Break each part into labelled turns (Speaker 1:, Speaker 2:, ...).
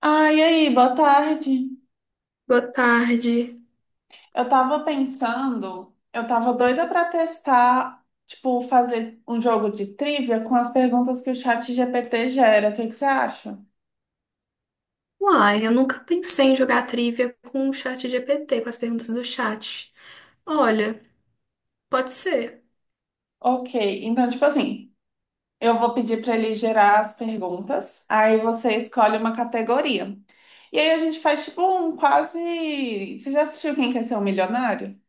Speaker 1: Ah, e aí, boa tarde.
Speaker 2: Boa tarde.
Speaker 1: Eu tava doida pra testar, tipo, fazer um jogo de trivia com as perguntas que o chat GPT gera. O que que você acha?
Speaker 2: Uai, eu nunca pensei em jogar trivia com o chat GPT, com as perguntas do chat. Olha, pode ser.
Speaker 1: Ok, então, tipo assim, eu vou pedir pra ele gerar as perguntas, aí você escolhe uma categoria. E aí a gente faz, tipo, um quase. Você já assistiu Quem Quer Ser um Milionário?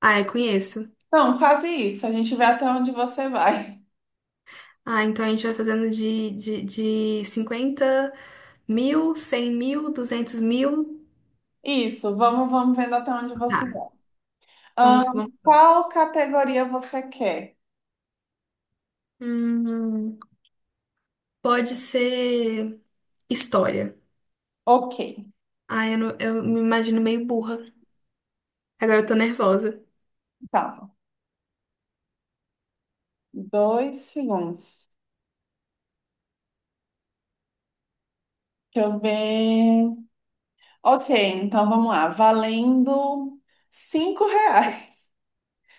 Speaker 2: Ah, eu conheço.
Speaker 1: Não, quase isso. A gente vê até onde você vai.
Speaker 2: Ah, então a gente vai fazendo de 50 mil, 100 mil, 200 mil.
Speaker 1: Isso, vamos vendo até onde
Speaker 2: Tá,
Speaker 1: você vai.
Speaker 2: vamos, vamos.
Speaker 1: Qual categoria você quer?
Speaker 2: Hum, Pode ser história.
Speaker 1: Ok,
Speaker 2: Ah, eu, não- eu me imagino meio burra. Agora eu tô nervosa.
Speaker 1: calma. 2 segundos. Deixa eu ver. Ok, então vamos lá. Valendo R$ 5.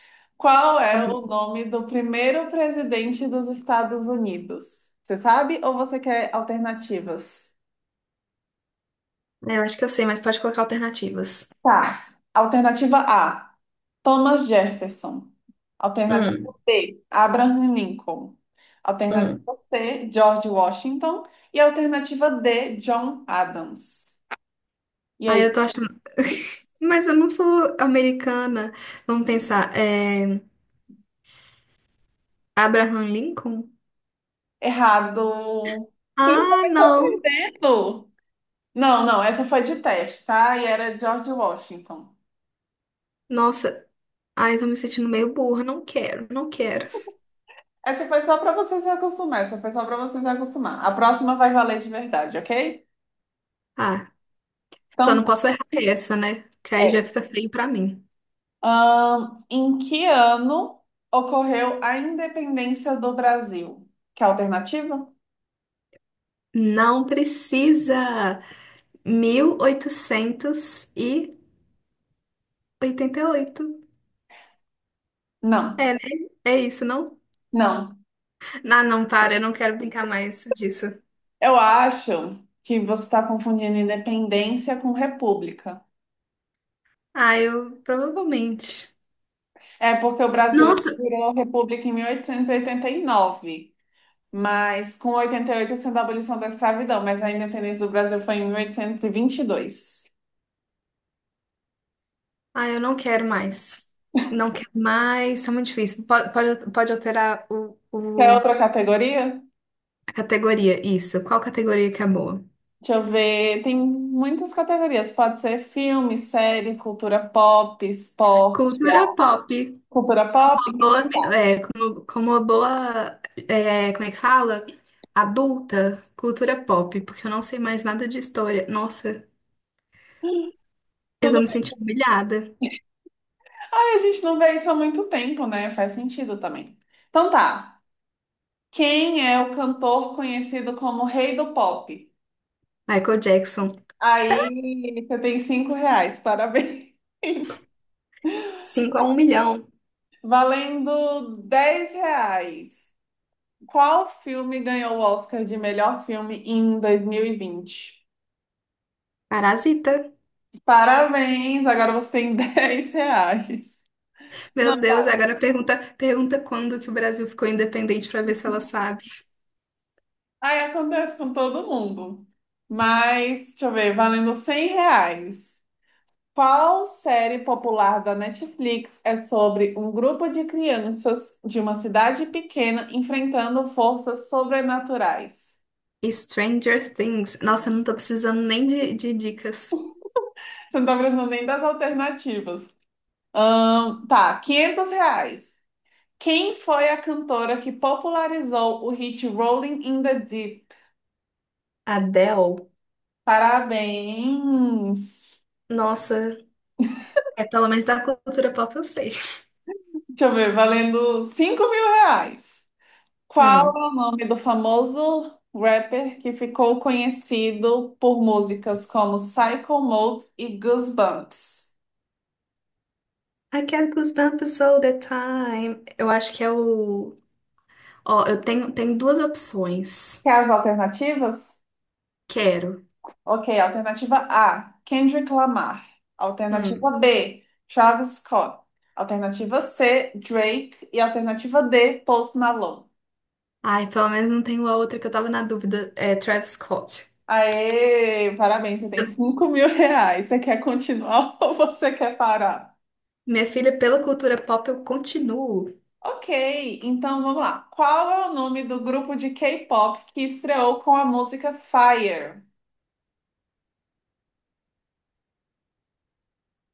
Speaker 1: Qual
Speaker 2: Tá
Speaker 1: é
Speaker 2: bom.
Speaker 1: o nome do primeiro presidente dos Estados Unidos? Você sabe ou você quer alternativas?
Speaker 2: É, eu acho que eu sei, mas pode colocar alternativas.
Speaker 1: Tá. Alternativa A. Thomas Jefferson. Alternativa
Speaker 2: Hum,
Speaker 1: B, Abraham Lincoln.
Speaker 2: hum.
Speaker 1: Alternativa C, George Washington. E alternativa D, John Adams. E
Speaker 2: Ah,
Speaker 1: aí?
Speaker 2: eu tô achando. Mas eu não sou americana. Vamos pensar. Abraham Lincoln?
Speaker 1: Errado.
Speaker 2: Ah, não.
Speaker 1: Errou. Não, não, essa foi de teste, tá? E era George Washington.
Speaker 2: Nossa. Ai, tô me sentindo meio burra. Não quero, não quero.
Speaker 1: Essa foi só para você se acostumar. Essa foi só para você se acostumar. A próxima vai valer de verdade, ok?
Speaker 2: Ah, só
Speaker 1: Então,
Speaker 2: não
Speaker 1: tá.
Speaker 2: posso errar essa, né? Que aí já
Speaker 1: É.
Speaker 2: fica feio pra mim.
Speaker 1: Em que ano ocorreu a independência do Brasil? Que alternativa?
Speaker 2: Não precisa. 1888.
Speaker 1: Não,
Speaker 2: É, né? É isso, não?
Speaker 1: não.
Speaker 2: Ah, não, para. Eu não quero brincar mais disso.
Speaker 1: Eu acho que você está confundindo independência com república.
Speaker 2: Ah, eu provavelmente.
Speaker 1: É porque o Brasil ele
Speaker 2: Nossa,
Speaker 1: virou república em mil oitocentos e oitenta e nove, mas com 88 sendo a abolição da escravidão, mas a independência do Brasil foi em mil oitocentos e vinte e dois.
Speaker 2: ah, eu não quero mais. Não quero mais, tá muito difícil. Pode alterar
Speaker 1: Quer outra categoria?
Speaker 2: a categoria, isso. Qual categoria que é boa?
Speaker 1: Deixa eu ver. Tem muitas categorias. Pode ser filme, série, cultura pop, esporte,
Speaker 2: Cultura
Speaker 1: arte.
Speaker 2: pop,
Speaker 1: Cultura pop?
Speaker 2: uma boa,
Speaker 1: Então tá.
Speaker 2: é, como uma boa, é, como é que fala? Adulta, cultura pop, porque eu não sei mais nada de história. Nossa, eu tô
Speaker 1: Tudo.
Speaker 2: me sentindo humilhada.
Speaker 1: Ai, a gente não vê isso há muito tempo, né? Faz sentido também. Então tá. Quem é o cantor conhecido como Rei do Pop?
Speaker 2: Michael Jackson.
Speaker 1: Aí você tem R$ 5, parabéns.
Speaker 2: Cinco a um milhão.
Speaker 1: Valendo R$ 10. Qual filme ganhou o Oscar de melhor filme em 2020?
Speaker 2: Parasita.
Speaker 1: Parabéns, agora você tem R$ 10. Não,
Speaker 2: Meu Deus, agora pergunta, pergunta quando que o Brasil ficou independente pra ver se ela sabe.
Speaker 1: aí acontece com todo mundo. Mas, deixa eu ver, valendo R$ 100. Qual série popular da Netflix é sobre um grupo de crianças de uma cidade pequena enfrentando forças sobrenaturais?
Speaker 2: Stranger Things. Nossa, não tô precisando nem de dicas.
Speaker 1: Você não tá lembrando nem das alternativas. Tá, R$ 500. Quem foi a cantora que popularizou o hit Rolling in the Deep?
Speaker 2: Adele.
Speaker 1: Parabéns!
Speaker 2: Nossa, é pelo menos da cultura pop eu sei.
Speaker 1: Deixa eu ver, valendo R$ 5.000. Qual
Speaker 2: Hum.
Speaker 1: é o nome do famoso rapper que ficou conhecido por músicas como Psycho Mode e Goosebumps?
Speaker 2: I get goosebumps all the time. Eu acho que é o. Ó, eu tenho, tenho duas opções.
Speaker 1: Quer as alternativas?
Speaker 2: Quero.
Speaker 1: Ok, alternativa A, Kendrick Lamar.
Speaker 2: Hum.
Speaker 1: Alternativa B, Travis Scott. Alternativa C, Drake. E alternativa D, Post Malone.
Speaker 2: Ai, pelo menos não tenho a outra que eu tava na dúvida. É Travis Scott.
Speaker 1: Aê, parabéns, você tem R$ 5.000. Você quer continuar ou você quer parar?
Speaker 2: Minha filha, pela cultura pop eu continuo.
Speaker 1: Ok, então vamos lá. Qual é o nome do grupo de K-pop que estreou com a música Fire?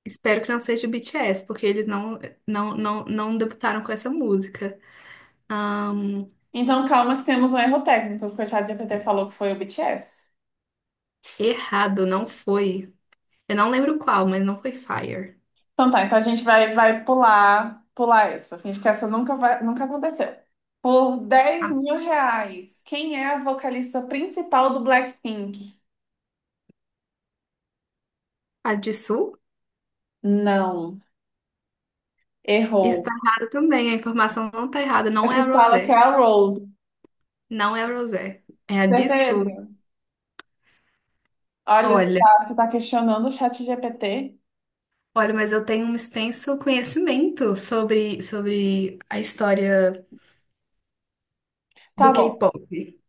Speaker 2: Espero que não seja o BTS, porque eles não, não, não, não debutaram com essa música.
Speaker 1: Então calma que temos um erro técnico, porque o ChatGPT falou que foi o BTS.
Speaker 2: Errado, não foi. Eu não lembro qual, mas não foi Fire.
Speaker 1: Então tá, então a gente vai, pular essa. Finge que essa nunca aconteceu. Por R$ 10.000, quem é a vocalista principal do Blackpink?
Speaker 2: A de Sul
Speaker 1: Não,
Speaker 2: está
Speaker 1: errou.
Speaker 2: errada também. A informação não está errada. Não é a
Speaker 1: Aqui fala que é
Speaker 2: Rosé.
Speaker 1: a Road.
Speaker 2: Não é a Rosé. É a de
Speaker 1: Certeza?
Speaker 2: Sul.
Speaker 1: Olha, você
Speaker 2: Olha,
Speaker 1: tá, você tá questionando o chat ChatGPT?
Speaker 2: olha, mas eu tenho um extenso conhecimento sobre a história
Speaker 1: Tá
Speaker 2: do
Speaker 1: bom.
Speaker 2: K-pop.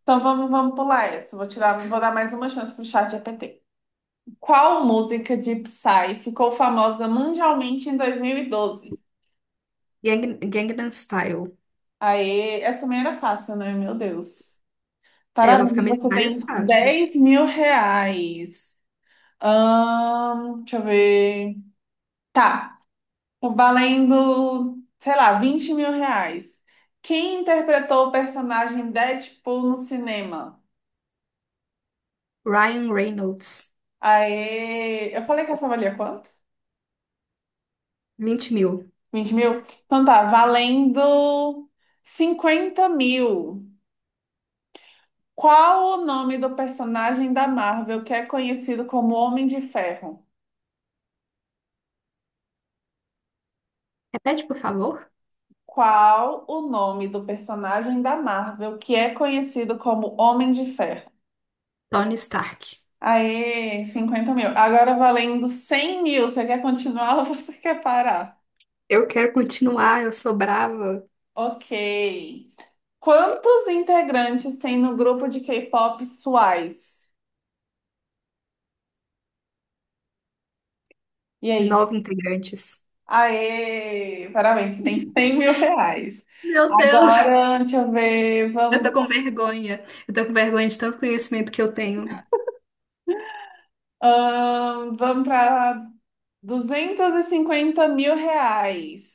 Speaker 1: Então vamos pular essa. Vou dar mais uma chance pro chat GPT. Qual música de Psy ficou famosa mundialmente em 2012?
Speaker 2: Gangnam Style.
Speaker 1: Aê, essa também era fácil, né? Meu Deus.
Speaker 2: É, eu vou
Speaker 1: Parabéns,
Speaker 2: ficar
Speaker 1: você
Speaker 2: milionária
Speaker 1: tem
Speaker 2: fácil.
Speaker 1: R$ 10.000. Deixa eu ver. Tá, tô valendo, sei lá, R$ 20.000. Quem interpretou o personagem Deadpool no cinema?
Speaker 2: Ryan Reynolds.
Speaker 1: Aê, eu falei que essa valia quanto?
Speaker 2: 20 mil.
Speaker 1: 20 mil? Então tá, valendo 50 mil. Qual o nome do personagem da Marvel que é conhecido como Homem de Ferro?
Speaker 2: Repete, por favor.
Speaker 1: Qual o nome do personagem da Marvel que é conhecido como Homem de Ferro?
Speaker 2: Tony Stark.
Speaker 1: Aê, 50 mil. Agora valendo 100 mil. Você quer continuar ou você quer parar?
Speaker 2: Eu quero continuar, eu sou brava.
Speaker 1: Ok. Quantos integrantes tem no grupo de K-pop Twice? E aí?
Speaker 2: Nove integrantes.
Speaker 1: Aê! Parabéns, você tem R$ 100.000.
Speaker 2: Meu Deus,
Speaker 1: Agora, deixa eu ver,
Speaker 2: eu tô
Speaker 1: vamos,
Speaker 2: com vergonha. Eu tô com vergonha de tanto conhecimento que eu tenho.
Speaker 1: vamos para R$ 250.000.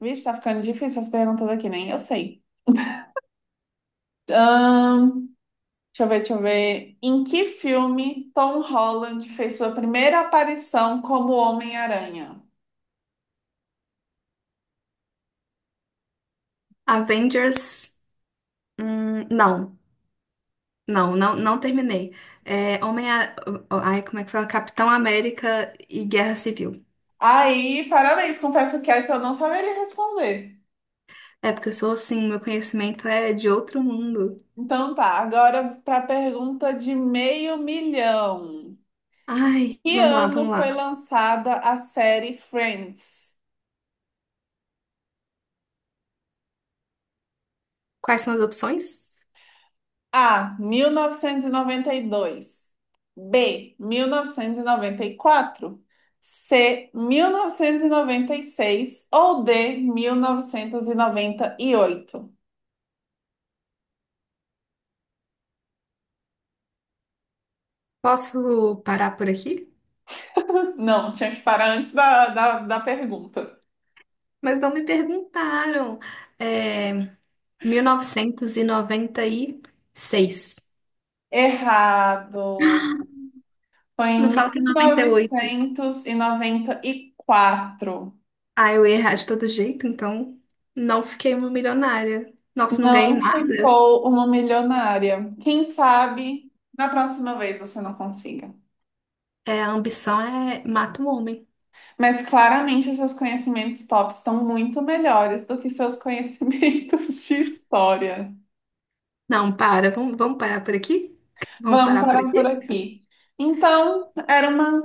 Speaker 1: Vixe, tá ficando difícil as perguntas aqui, nem eu sei. Ahn, deixa eu ver, deixa eu ver. Em que filme Tom Holland fez sua primeira aparição como Homem-Aranha?
Speaker 2: Avengers. Hum, não, não, não, não terminei. É, Homem. Ai, como é que fala? Capitão América e Guerra Civil.
Speaker 1: Aí, parabéns, confesso que essa eu não saberia responder.
Speaker 2: É porque eu sou assim, meu conhecimento é de outro mundo.
Speaker 1: Então tá, agora para a pergunta de 500 mil.
Speaker 2: Ai,
Speaker 1: Que
Speaker 2: vamos lá, vamos
Speaker 1: ano
Speaker 2: lá.
Speaker 1: foi lançada a série Friends?
Speaker 2: Quais são as opções?
Speaker 1: A. 1992. B. 1994. C. 1996. Ou D. 1998.
Speaker 2: Posso parar por aqui?
Speaker 1: Não, tinha que parar antes da pergunta.
Speaker 2: Mas não me perguntaram. É, 1996.
Speaker 1: Errado. Foi
Speaker 2: Não
Speaker 1: em
Speaker 2: fala que é 98.
Speaker 1: 1994.
Speaker 2: Ah, eu ia errar de todo jeito, então não fiquei uma milionária. Nossa, não ganhei
Speaker 1: Não
Speaker 2: nada.
Speaker 1: ficou uma milionária. Quem sabe na próxima vez você não consiga.
Speaker 2: É, a ambição é mata um homem.
Speaker 1: Mas claramente seus conhecimentos pop estão muito melhores do que seus conhecimentos de história.
Speaker 2: Não, para. Vamos, vamos parar por aqui? Vamos
Speaker 1: Vamos
Speaker 2: parar por
Speaker 1: parar por
Speaker 2: aqui?
Speaker 1: aqui. Então, era uma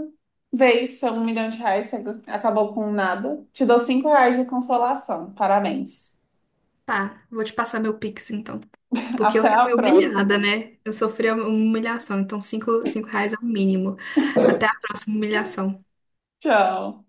Speaker 1: vez, seu R$ 1.000.000, você acabou com nada. Te dou R$ 5 de consolação. Parabéns.
Speaker 2: Tá, vou te passar meu Pix, então. Porque eu
Speaker 1: Até a
Speaker 2: fui humilhada,
Speaker 1: próxima.
Speaker 2: né? Eu sofri uma humilhação, então cinco, R$ 5 é o mínimo. Até a próxima humilhação.
Speaker 1: Tchau.